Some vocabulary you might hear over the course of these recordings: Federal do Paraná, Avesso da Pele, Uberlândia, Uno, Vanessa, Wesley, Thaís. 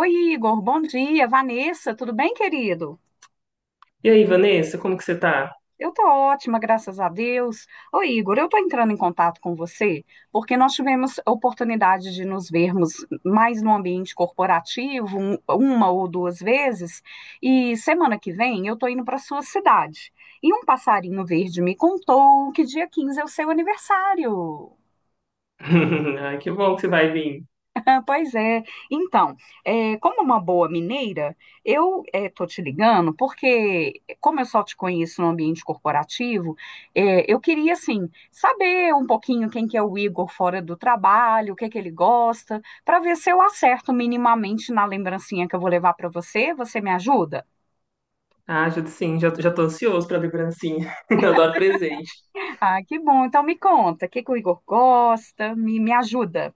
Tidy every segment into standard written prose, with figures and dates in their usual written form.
Oi, Igor, bom dia. Vanessa, tudo bem, querido? E aí, Vanessa, como que você tá? Eu tô ótima, graças a Deus. Oi, Igor, eu tô entrando em contato com você porque nós tivemos a oportunidade de nos vermos mais no ambiente corporativo, uma ou duas vezes, e semana que vem eu tô indo para sua cidade. E um passarinho verde me contou que dia 15 é o seu aniversário. Ai, que bom que você vai vir. Pois é. Então, como é uma boa mineira, eu estou te ligando porque, como eu só te conheço no ambiente corporativo, eu queria, assim, saber um pouquinho quem que é o Igor fora do trabalho, o que é que ele gosta, para ver se eu acerto minimamente na lembrancinha que eu vou levar para você. Você me ajuda? Ah, ajuda sim, já tô ansioso pra lembrancinha. Eu adoro presente. Ah, que bom. Então, me conta, o que que o Igor gosta? Me ajuda.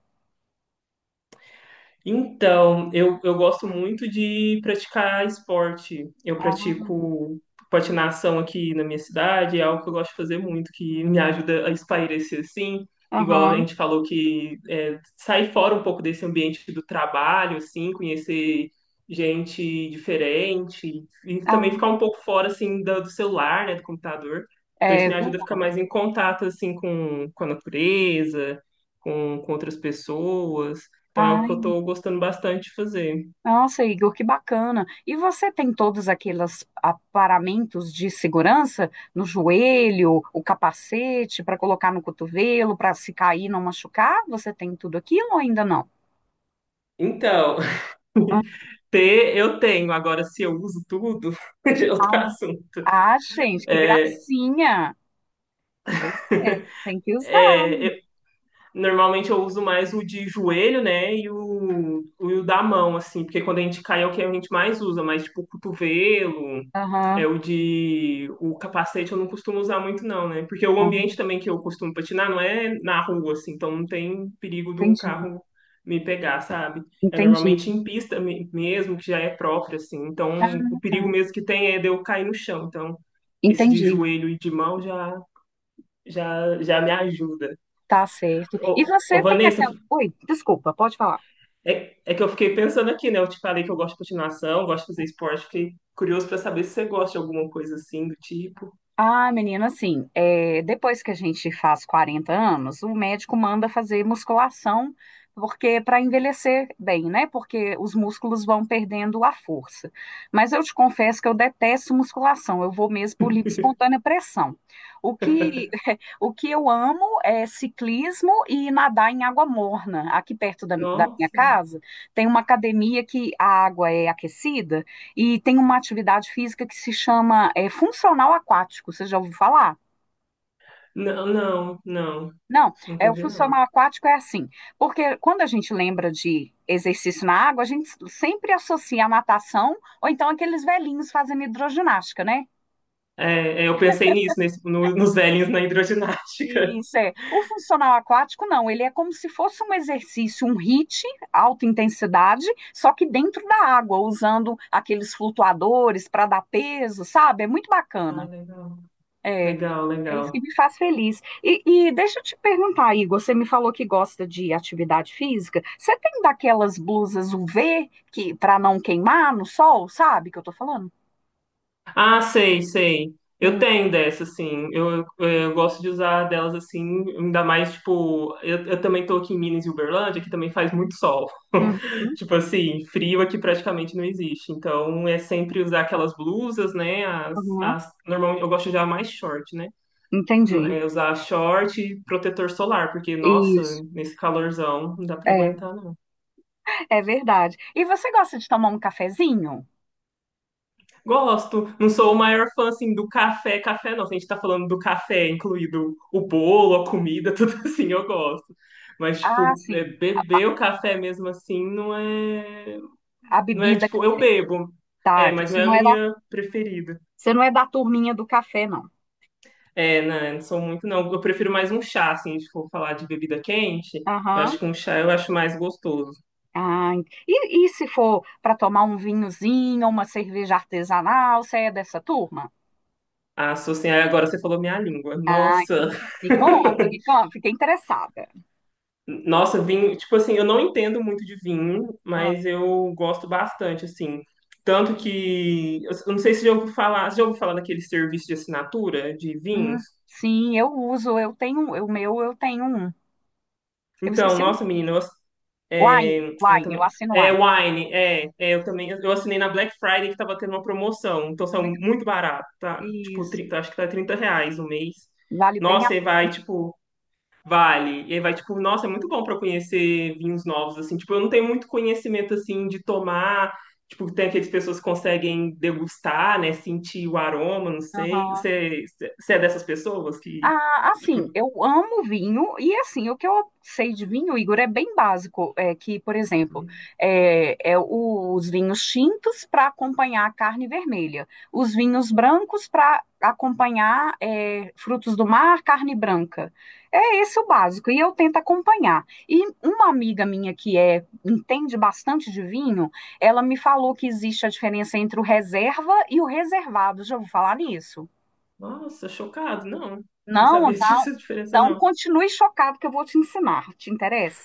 Então, eu gosto muito de praticar esporte. Eu Ah, pratico patinação aqui na minha cidade, é algo que eu gosto de fazer muito, que me ajuda a espairecer assim. Igual a aham. gente falou que é, sair fora um pouco desse ambiente do trabalho, assim, conhecer gente diferente e também Ah, ficar um pouco fora assim do celular, né, do computador. Então isso é, me ajuda a ficar mais em contato assim com a natureza, com outras pessoas. Então é o que eu verdade. tô gostando bastante de fazer. Nossa, Igor, que bacana. E você tem todos aqueles aparamentos de segurança no joelho, o capacete para colocar no cotovelo, para se cair não machucar? Você tem tudo aquilo ou ainda não? Então, ter eu tenho, agora se eu uso tudo, já é outro assunto. Ah, gente, que gracinha. Pois é, tem que usar. É, Normalmente eu uso mais o de joelho, né? E o da mão, assim, porque quando a gente cai é o que a gente mais usa, mas tipo o cotovelo, Aham, é o capacete eu não costumo usar muito, não, né? Porque o ah, ambiente também que eu costumo patinar não é na rua, assim, então não tem perigo de um entendi, carro me pegar, sabe? É entendi. normalmente em pista mesmo, que já é própria, assim, Ah, então o perigo tá, mesmo que tem é de eu cair no chão, então esse de entendi. joelho e de mão já me ajuda. Tá certo. E Ô, você tem Vanessa, aquela. Oi, desculpa, pode falar. é que eu fiquei pensando aqui, né? Eu te falei que eu gosto de patinação, gosto de fazer esporte, fiquei curioso pra saber se você gosta de alguma coisa assim do tipo. Ah, menina, assim, é, depois que a gente faz 40 anos, o médico manda fazer musculação, porque para envelhecer bem, né? Porque os músculos vão perdendo a força. Mas eu te confesso que eu detesto musculação, eu vou mesmo por livre e espontânea pressão. O que, o que eu amo é ciclismo e nadar em água morna. Aqui perto da minha Nossa. casa tem uma academia que a água é aquecida. E tem uma atividade física que se chama funcional aquático. Você já ouviu falar? Não, não. Não, Não o combina, não. funcional aquático é assim, porque quando a gente lembra de exercício na água, a gente sempre associa a natação ou então aqueles velhinhos fazendo hidroginástica, né? É, eu pensei nisso, nesse, no- nos velhinhos na hidroginástica. Isso é. O funcional aquático, não, ele é como se fosse um exercício, um HIIT, alta intensidade, só que dentro da água, usando aqueles flutuadores para dar peso, sabe? É muito Ai, bacana. legal. É. Legal, É isso que legal. me faz feliz. E deixa eu te perguntar, Igor, você me falou que gosta de atividade física. Você tem daquelas blusas UV que para não queimar no sol, sabe que eu tô falando? Ah, sei, sei. Eu Hum, tenho dessa, assim. Eu gosto de usar delas assim, ainda mais, tipo, eu também tô aqui em Minas e Uberlândia, que também faz muito sol. uhum, Tipo assim, frio aqui praticamente não existe. Então é sempre usar aquelas blusas, né? As, uhum, as, normalmente eu gosto de usar mais short, né? entendi. É usar short e protetor solar, porque, nossa, Isso. nesse calorzão não dá pra É, aguentar. é verdade. E você gosta de tomar um cafezinho? Gosto. Não sou o maior fã, assim, do café. Café não, se a gente tá falando do café, incluído o bolo, a comida, tudo assim, eu gosto. Mas, Ah, tipo, é, sim. beber o café mesmo assim não é. A Não é, bebida que tipo, eu bebo. tá. É, Então mas não você é a não é da, minha preferida. você não é da turminha do café, não. É, não, não sou muito, não. Eu prefiro mais um chá, assim, se for falar de bebida quente. Eu Aham. acho que um chá eu acho mais gostoso. Ah, e se for para tomar um vinhozinho, uma cerveja artesanal, você é dessa turma? Ah, sou assim, aí agora você falou minha língua. Ah, Nossa! Me conta, fiquei interessada. Nossa, vinho, tipo assim, eu não entendo muito de vinho, Ah, mas eu gosto bastante, assim. Tanto que, eu não sei se você já ouviu falar, você já ouviu falar daquele serviço de assinatura de hum, vinhos? sim, eu uso, eu tenho, o meu eu tenho um. Eu Então, esqueci o nossa, nome. menina, Wine, é, ah, eu Wine, eu também, assino é Wine. Wine, eu também, eu assinei na Black Friday que tava tendo uma promoção, então são Muito muito barato, tá? Tipo, isso, 30, acho que tá 30 reais o mês. vale bem a Nossa, e vai, tipo, vale. E aí vai, tipo, nossa, é muito bom para conhecer vinhos novos, assim. Tipo, eu não tenho muito conhecimento, assim, de tomar. Tipo, tem aquelas pessoas que conseguem degustar, né? Sentir o aroma, não sei. pena. Você é dessas pessoas que, Ah, tipo, assim, eu amo vinho e assim, o que eu sei de vinho, Igor, é bem básico, é que, por exemplo, é os vinhos tintos para acompanhar a carne vermelha, os vinhos brancos para acompanhar frutos do mar, carne branca. É esse o básico e eu tento acompanhar. E uma amiga minha que é entende bastante de vinho, ela me falou que existe a diferença entre o reserva e o reservado. Já vou falar nisso. nossa, chocado. Não, não Não, sabia então, disso, diferença, então não. continue chocado que eu vou te ensinar. Te interessa?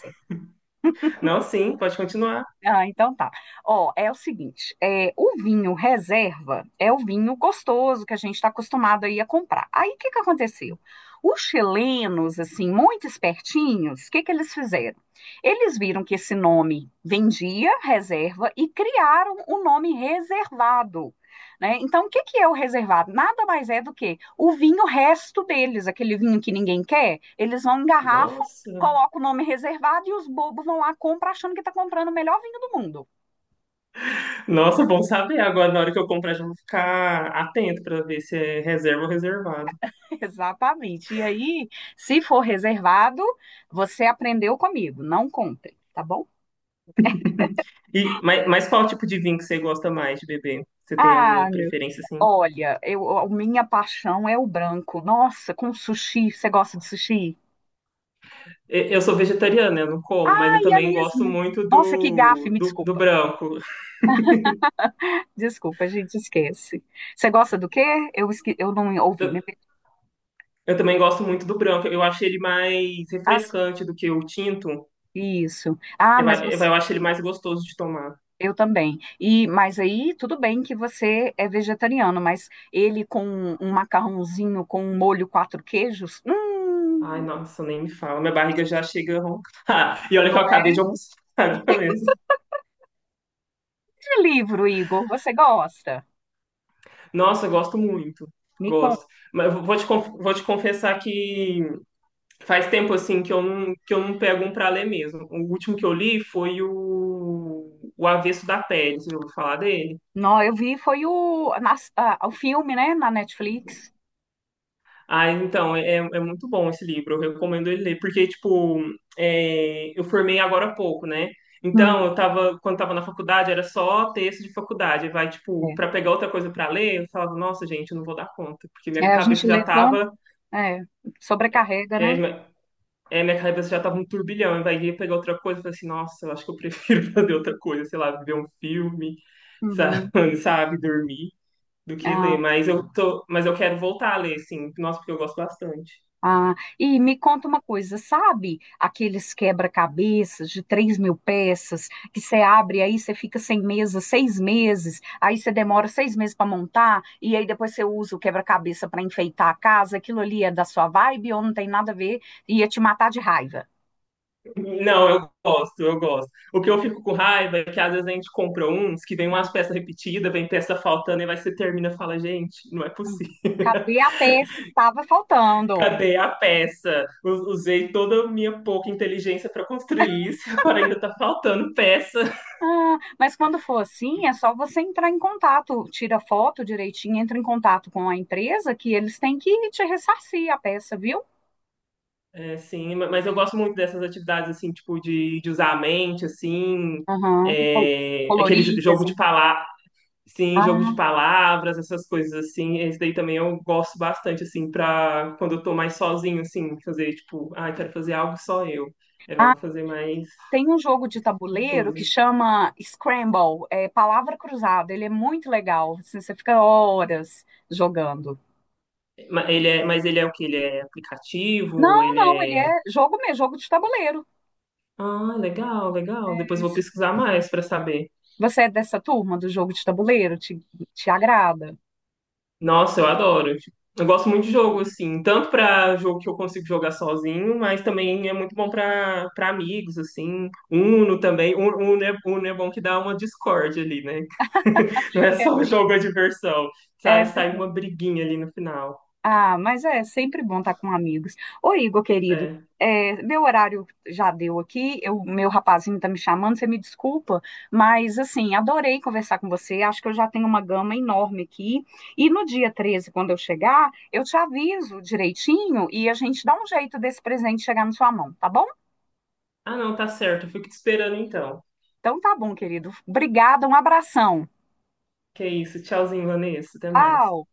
Não, sim, pode continuar. Ah, então tá. Ó, é o seguinte, o vinho reserva é o vinho gostoso que a gente está acostumado aí a comprar. Aí o que que aconteceu? Os chilenos, assim, muito espertinhos, o que que eles fizeram? Eles viram que esse nome vendia reserva e criaram o nome reservado, né? Então, o que que é o reservado? Nada mais é do que o vinho resto deles, aquele vinho que ninguém quer, eles vão engarrafar Nossa. coloca o nome reservado e os bobos vão lá compra achando que está comprando o melhor vinho do mundo. Nossa, bom saber. Agora, na hora que eu comprar, já vou ficar atento para ver se é reserva ou reservado. Exatamente. E aí, se for reservado, você aprendeu comigo, não compre, tá bom? Mas qual tipo de vinho que você gosta mais de beber? Você tem Ah, alguma preferência, assim? olha, eu, a minha paixão é o branco. Nossa, com sushi, você gosta de sushi? Eu sou vegetariana, eu não como, mas eu Aí é também gosto mesmo. muito Nossa, que gafe, me do desculpa. branco. Desculpa, a gente esquece. Você gosta do quê? Eu não ouvi. Eu, eu também gosto muito do branco. Eu acho ele mais Ah, sim. refrescante do que o tinto. Isso. Ah, Eu, mas a- você. eu, acho ele mais gostoso de tomar. Eu também. E mas aí tudo bem que você é vegetariano, mas ele com um macarrãozinho com um molho quatro queijos, Ai, nossa, nem me fala. Minha barriga já chega a roncar. E olha que não eu é acabei de almoçar agora mesmo. de livro, Igor. Você gosta? Nossa, eu gosto muito. Me conta. Gosto. Mas eu vou vou te confessar que faz tempo assim que eu não pego um pra ler mesmo. O último que eu li foi o Avesso da Pele, você já ouviu falar dele? Não, eu vi foi o filme, né, na Netflix. Ah, então, é muito bom esse livro, eu recomendo ele ler, porque, tipo, é, eu formei agora há pouco, né? Hum, Então, eu tava, quando tava na faculdade, era só texto de faculdade. Vai, tipo, é. pra pegar outra coisa pra ler, eu falava, nossa, gente, eu não vou dar conta, porque É, minha a cabeça gente já lê tanto, tava, é, sobrecarrega, é, né? é, minha cabeça já tava um turbilhão, vai ia pegar outra coisa, eu falei assim, nossa, eu acho que eu prefiro fazer outra coisa, sei lá, ver um filme, Uhum. sabe, sabe, dormir, do que ler. Mas eu tô, mas eu quero voltar a ler, sim. Nossa, porque eu gosto bastante. Ah, e me conta uma coisa, sabe aqueles quebra-cabeças de 3.000 peças que você abre aí você fica sem mesa 6 meses, aí você demora 6 meses para montar e aí depois você usa o quebra-cabeça para enfeitar a casa, aquilo ali é da sua vibe ou não tem nada a ver, ia te matar de raiva. Não, eu gosto, eu gosto. O que eu fico com raiva é que às vezes a gente compra uns que vem umas Ah, peças repetidas, vem peça faltando, e vai você termina e fala, gente, não é ah. possível. Cadê a peça que estava faltando? Cadê a peça? Usei toda a minha pouca inteligência para construir isso, e agora ainda tá faltando peça. Ah, mas quando for assim, é só você entrar em contato, tira foto direitinho, entra em contato com a empresa que eles têm que te ressarcir a peça, viu? É, sim, mas eu gosto muito dessas atividades, assim, tipo, de usar a mente, assim, Aham. É, aquele Coloridas, jogo hein? de palavras, sim, jogo de Ah, palavras, essas coisas, assim, esse daí também eu gosto bastante, assim, pra quando eu tô mais sozinho, assim, fazer, tipo, ah, eu quero fazer algo só eu, é, eu ah, vou fazer mais tem um jogo de esse tipo de tabuleiro que coisa. chama Scramble, é palavra cruzada. Ele é muito legal. Assim, você fica horas jogando. Ele é o que? Ele é aplicativo? Não, Ele não, ele é... é jogo mesmo, jogo de tabuleiro. Ah, legal, legal, depois eu vou pesquisar mais pra saber. Você é dessa turma do jogo de tabuleiro? Te agrada? Nossa, eu adoro. Tipo, eu gosto muito de jogo, assim, tanto pra jogo que eu consigo jogar sozinho, mas também é muito bom pra para amigos, assim. Uno também. Uno Uno é bom que dá uma discórdia ali, né? Não é É, só o jogo a diversão. É. Sai uma briguinha ali no final. Ah, mas é sempre bom estar com amigos. Ô, Igor, querido, É. Meu horário já deu aqui, meu rapazinho tá me chamando, você me desculpa, mas assim, adorei conversar com você, acho que eu já tenho uma gama enorme aqui. E no dia 13, quando eu chegar, eu te aviso direitinho e a gente dá um jeito desse presente chegar na sua mão, tá bom? Ah, não, tá certo. Eu fico te esperando então. Então tá bom, querido. Obrigada, um abração. Que é isso. Tchauzinho, Vanessa. Até mais. Tchau.